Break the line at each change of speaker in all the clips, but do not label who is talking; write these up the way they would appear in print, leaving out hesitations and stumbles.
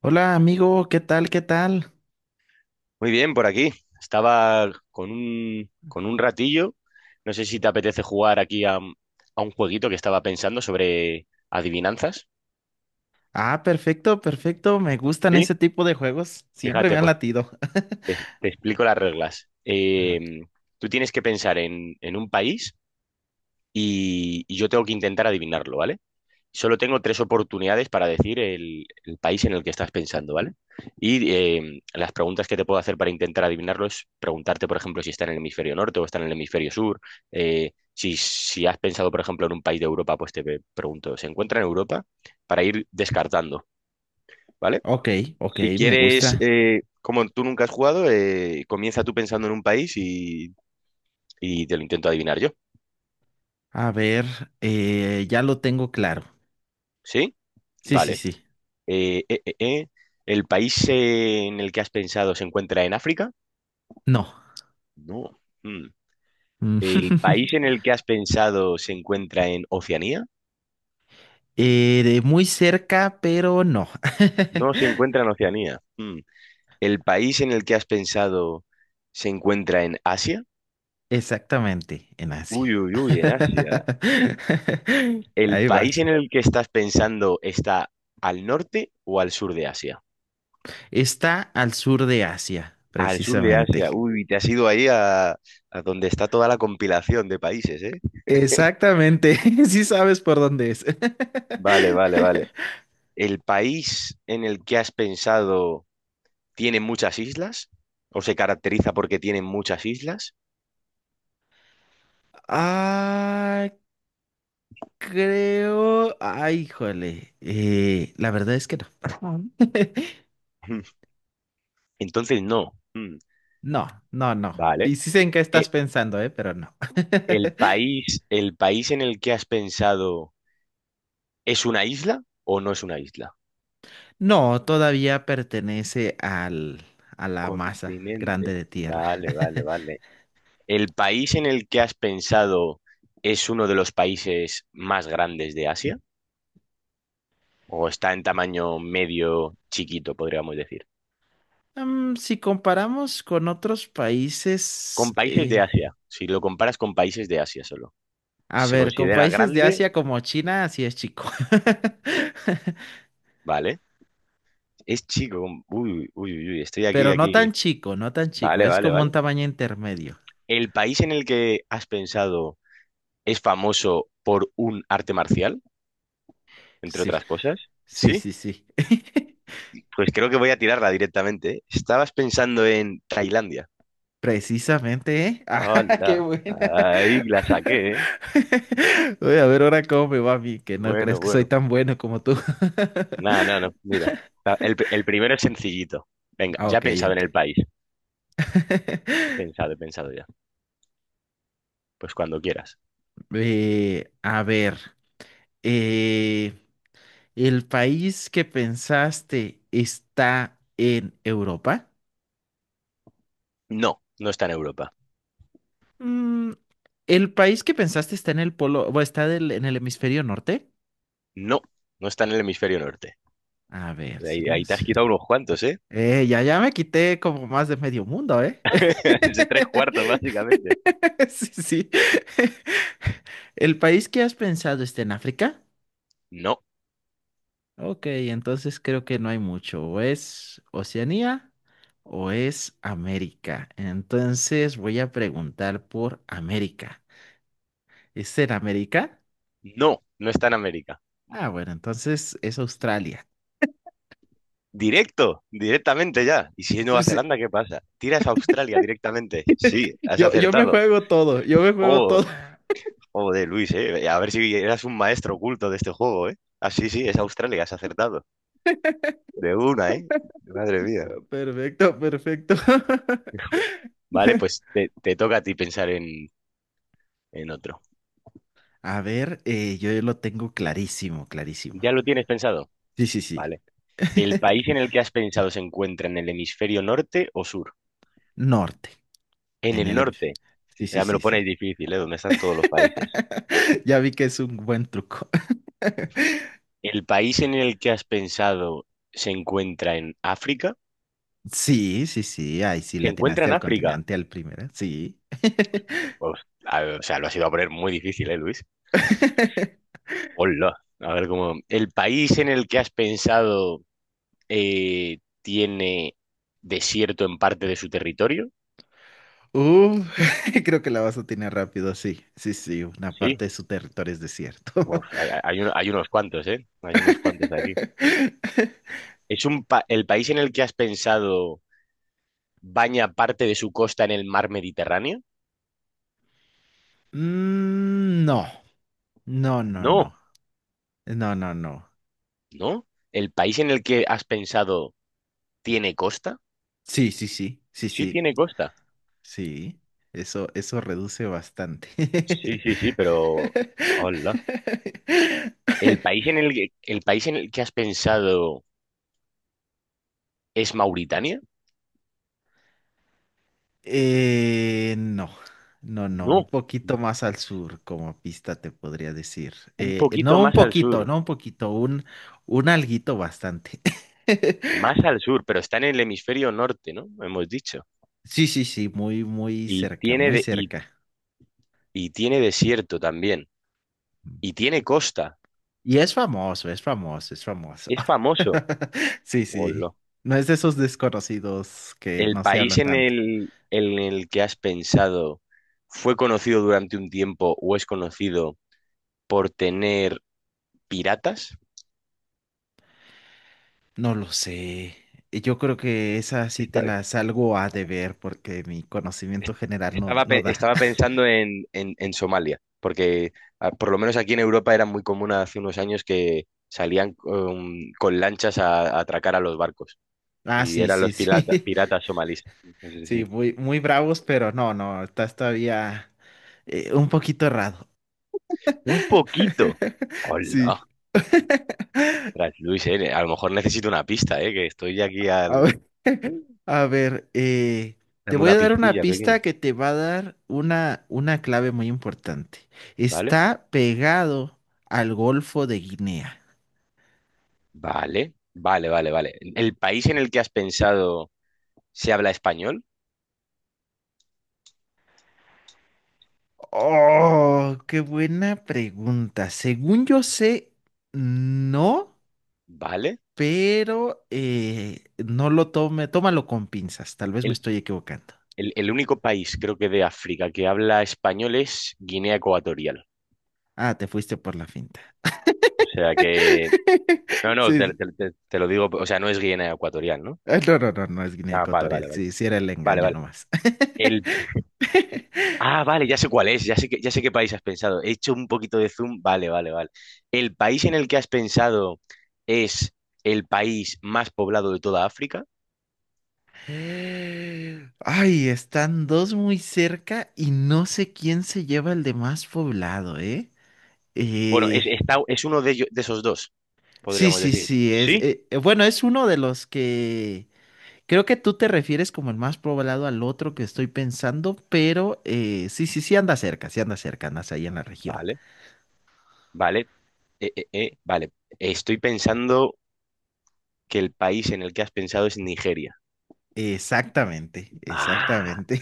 Hola amigo, ¿qué tal? ¿Qué tal?
Muy bien, por aquí. Estaba con con un ratillo. No sé si te apetece jugar aquí a un jueguito que estaba pensando sobre adivinanzas.
Ah, perfecto, perfecto. Me gustan
Sí.
ese tipo de juegos. Siempre me
Fíjate,
han
pues
latido.
te explico las reglas.
Ajá.
Tú tienes que pensar en un país y yo tengo que intentar adivinarlo, ¿vale? Solo tengo tres oportunidades para decir el país en el que estás pensando, ¿vale? Y las preguntas que te puedo hacer para intentar adivinarlo es preguntarte, por ejemplo, si está en el hemisferio norte o está en el hemisferio sur. Si has pensado, por ejemplo, en un país de Europa, pues te pregunto, ¿se encuentra en Europa? Para ir descartando, ¿vale?
Ok, ok,
Si
me
quieres,
gusta.
como tú nunca has jugado, comienza tú pensando en un país y te lo intento adivinar yo.
A ver, ya lo tengo claro.
¿Sí?
Sí, sí,
Vale.
sí.
Eh, eh, eh, eh. ¿El país en el que has pensado se encuentra en África?
No.
No. Mm.
Mm.
¿El país en el que has pensado se encuentra en Oceanía?
De muy cerca, pero no.
No se encuentra en Oceanía. Mm. ¿El país en el que has pensado se encuentra en Asia?
Exactamente, en Asia.
Uy, uy, uy, en Asia. ¿El
Ahí
país
vas.
en el que estás pensando está al norte o al sur de Asia?
Está al sur de Asia,
Al sur de
precisamente.
Asia. Uy, te has ido ahí a donde está toda la compilación de países, ¿eh?
Exactamente, sí sabes por dónde es.
Vale, vale, vale. ¿El país en el que has pensado tiene muchas islas? ¿O se caracteriza porque tiene muchas islas?
Ah, creo. Ay, híjole. Eh, la verdad es que no.
Mm, entonces no. Mm,
No, no, no.
vale.
Y sí sé en qué
Eh,
estás pensando, ¿eh? Pero no.
El país en el que has pensado es una isla o no es una isla?
No, todavía pertenece a la masa grande
Continente.
de tierra.
Vale, vale, vale. ¿El país en el que has pensado es uno de los países más grandes de Asia? ¿O está en tamaño medio chiquito, podríamos decir?
Mm, si comparamos con otros países,
Con países de Asia. Si lo comparas con países de Asia solo.
a
Si se
ver, con
considera
países de
grande,
Asia como China, así es chico.
vale. Es chico. Uy, uy, uy, uy, estoy aquí,
Pero no
aquí.
tan chico, no tan chico,
Vale,
es
vale,
como un
vale.
tamaño intermedio.
¿El país en el que has pensado es famoso por un arte marcial, entre
Sí,
otras cosas?
sí,
Sí.
sí, sí.
Pues creo que voy a tirarla directamente, ¿eh? Estabas pensando en Tailandia.
Precisamente, ¿eh? Ah, qué
Hola.
buena.
Ahí la saqué, ¿eh?
Voy a ver ahora cómo me va a mí, que no
Bueno,
crees que soy
bueno.
tan bueno como tú.
No, no, no. Mira. El primero es sencillito. Venga,
Ah,
ya he
ok,
pensado en
ok.
el país. He pensado ya. Pues cuando quieras.
A ver, eh, ¿el país que pensaste está en Europa?
No, no está en Europa.
Mm, ¿el país que pensaste está en el polo, o está en el hemisferio norte?
No, no está en el hemisferio norte.
A ver, si
Ahí,
no
ahí te has
es.
quitado unos cuantos, ¿eh?
Ya me quité como más de medio mundo, ¿eh?
Es de tres cuartos, básicamente.
Sí, sí. ¿El país que has pensado está en África?
No,
Ok, entonces creo que no hay mucho. O es Oceanía o es América. Entonces voy a preguntar por América. ¿Es en América?
no, no está en América.
Ah, bueno, entonces es Australia.
Directo, directamente ya. ¿Y si es
Sí,
Nueva
sí.
Zelanda, qué pasa? Tiras a Australia directamente. Sí, has
Yo me
acertado.
juego todo, yo me juego
Oh,
todo.
de Luis, ¿eh? A ver si eras un maestro oculto de este juego, ¿eh? Ah, sí, sí, es Australia, has acertado. De una, ¿eh? Madre mía.
Perfecto, perfecto.
Vale, pues te toca a ti pensar en otro.
A ver, yo lo tengo clarísimo, clarísimo.
¿Ya lo tienes pensado?
Sí, sí, sí.
Vale. ¿El país en el que has pensado se encuentra en el hemisferio norte o sur?
Norte,
En
en
el
el...
norte.
Sí, sí,
Ya me
sí,
lo pones
sí.
difícil, ¿eh? ¿Dónde están todos los países?
Ya vi que es un buen truco.
¿El país en el que has pensado se encuentra en África?
Sí, sí, sí. Ay, sí,
¿Se
le
encuentra
atinaste
en
al
África?
continente, al primero. Sí.
Pues, a ver, o sea, lo has ido a poner muy difícil, ¿eh, Luis? Hola. A ver cómo. ¿El país en el que has pensado tiene desierto en parte de su territorio?
Uh, creo que la vas a tener rápido, sí. Sí, sí, una
Sí.
parte de su territorio es desierto.
Uf, hay, hay unos cuantos, ¿eh? Hay unos cuantos aquí. ¿Es un el país en el que has pensado baña parte de su costa en el mar Mediterráneo?
Mm, no, no, no, no.
No,
No, no, no.
no. ¿El país en el que has pensado tiene costa?
Sí, sí, sí, sí,
Sí,
sí,
tiene costa.
sí. Eso reduce bastante.
Sí, sí, sí, pero... Hola. ¿El país en el que has pensado es Mauritania?
No, no, no, un
No,
poquito más al sur como pista te podría decir.
un poquito
No un
más al
poquito,
sur.
no un poquito, un alguito bastante.
Más al sur, pero está en el hemisferio norte, ¿no? Hemos dicho.
Sí, sí, sí, muy, muy
Y
cerca,
tiene,
muy cerca.
y tiene desierto también. Y tiene costa.
Y es famoso, es famoso, es famoso.
Es famoso.
Sí, sí.
Hola.
No es de esos desconocidos que
¿El
no se habla
país en
tanto.
en el que has pensado fue conocido durante un tiempo o es conocido por tener piratas?
No lo sé. Yo creo que esa sí te
Esta-
la salgo a deber porque mi conocimiento general no, no da.
estaba pensando en Somalia, porque ah, por lo menos aquí en Europa era muy común hace unos años que salían con lanchas a atracar a los barcos
Ah,
y
sí,
eran
sí,
los
sí.
piratas somalíes. Entonces,
Sí,
sí.
muy, muy bravos, pero no, no, estás todavía un poquito errado.
Un poquito. Hola.
Sí.
Tras Luis, a lo mejor necesito una pista, que estoy aquí
A
al...
ver, a ver, te
Dame
voy
una
a dar una
pistilla pequeña.
pista que te va a dar una clave muy importante.
Vale,
Está pegado al Golfo de Guinea.
vale, vale, vale, vale. ¿El país en el que has pensado se habla español?
Oh, qué buena pregunta. Según yo sé, no,
Vale.
pero no lo tome, tómalo con pinzas. Tal vez me
El,
estoy equivocando.
el único país, creo que de África, que habla español es Guinea Ecuatorial.
Ah, te fuiste por la finta.
O sea que... No, no,
Sí,
te,
sí.
te lo digo, o sea, no es Guinea Ecuatorial, ¿no?
Ah, no, no, no, no es Guinea
Ah, vale,
Ecuatorial.
vale, vale.
Sí, sí era el
Vale,
engaño
vale.
nomás.
El... Ah, vale, ya sé cuál es, ya sé que, ya sé qué país has pensado. He hecho un poquito de zoom. Vale, vale, vale. ¿El país en el que has pensado es el país más poblado de toda África?
Ay, están dos muy cerca y no sé quién se lleva el de más poblado, ¿eh?
Bueno, es,
Eh,
está, es uno de, de esos dos,
sí,
podríamos
sí,
decir.
sí, es,
Sí,
bueno, es uno de los que creo que tú te refieres como el más poblado al otro que estoy pensando, pero sí, sí, sí anda cerca, andas ahí en la región.
vale, vale. Vale. Estoy pensando que el país en el que has pensado es Nigeria.
Exactamente,
Ah,
exactamente.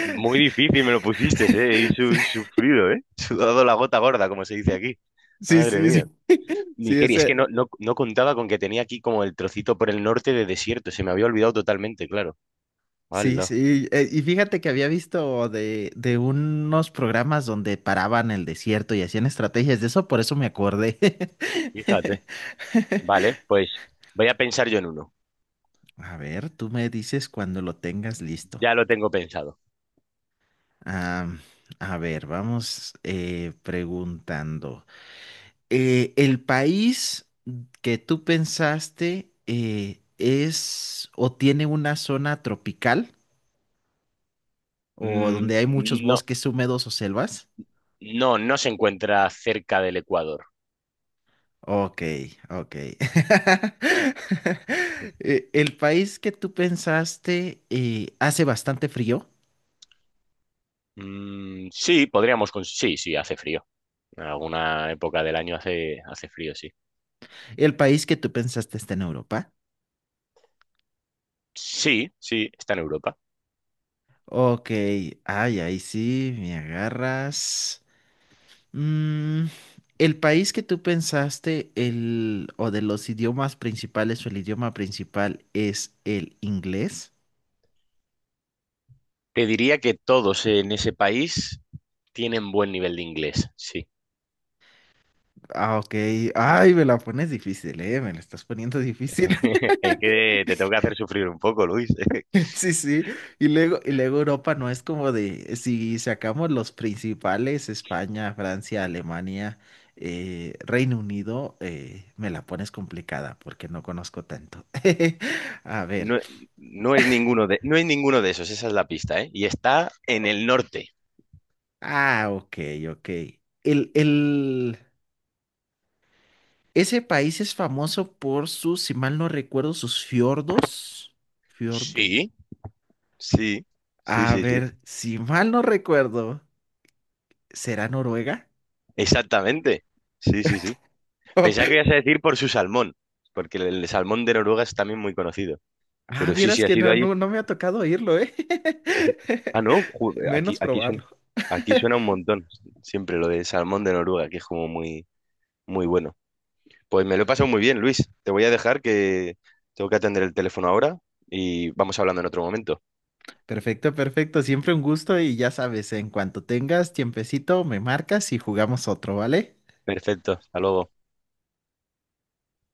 muy difícil me lo pusiste, ¿eh? Y sufrido, ¿eh? Sudado la gota gorda, como se dice aquí.
Sí,
Madre
sí,
mía.
sí, sí,
Nigeria, es que
ese.
no, no, no contaba con que tenía aquí como el trocito por el norte de desierto. Se me había olvidado totalmente, claro.
Sí,
Hala,
sí, y fíjate que había visto de unos programas donde paraban el desierto y hacían estrategias de eso, por eso me acordé.
fíjate. Vale, pues voy a pensar yo en uno.
A ver, tú me dices cuando lo tengas listo.
Ya lo tengo pensado.
Am, a ver, vamos preguntando. ¿El país que tú pensaste es o tiene una zona tropical o
Mm,
donde hay muchos
no.
bosques húmedos o selvas?
No, no se encuentra cerca del Ecuador.
Ok, ok. El país que tú pensaste hace bastante frío.
Mm, sí, podríamos... Sí, sí, hace frío. En alguna época del año hace, hace frío, sí.
El país que tú pensaste está en Europa.
Sí, sí, está en Europa.
Ok, ay, ahí sí, me agarras. Mm, el país que tú pensaste, el, o de los idiomas principales, o el idioma principal es el inglés.
Te diría que todos en ese país tienen buen nivel de inglés, sí.
Ah, ok. Ay, me la pones difícil, eh. Me la estás poniendo difícil.
Es que te tengo que hacer sufrir un poco, Luis.
Sí, sí, y luego Europa no es como de, si sacamos los principales, España, Francia, Alemania, Reino Unido, me la pones complicada porque no conozco tanto. A ver,
No, no es ninguno de, no es ninguno de esos, esa es la pista, ¿eh? Y está en el norte.
ah, ok, ok. El, el, ese país es famoso por sus, si mal no recuerdo, sus fiordos. ¿Fiordo?
Sí, sí, sí,
A
sí, sí.
ver, si mal no recuerdo, ¿será Noruega?
Exactamente. Sí, sí, sí. Pensaba que ibas a decir por su salmón, porque el salmón de Noruega es también muy conocido.
Ah,
Pero sí, sí,
vieras
ha
que
sido
no,
allí.
no, no me ha tocado oírlo, ¿eh?
Ah, no, aquí,
Menos probarlo.
aquí suena un montón. Siempre lo de salmón de Noruega, que es como muy, muy bueno. Pues me lo he pasado muy bien, Luis. Te voy a dejar que tengo que atender el teléfono ahora y vamos hablando en otro momento.
Perfecto, perfecto. Siempre un gusto y ya sabes, en cuanto tengas tiempecito, me marcas y jugamos otro, ¿vale?
Perfecto, hasta luego.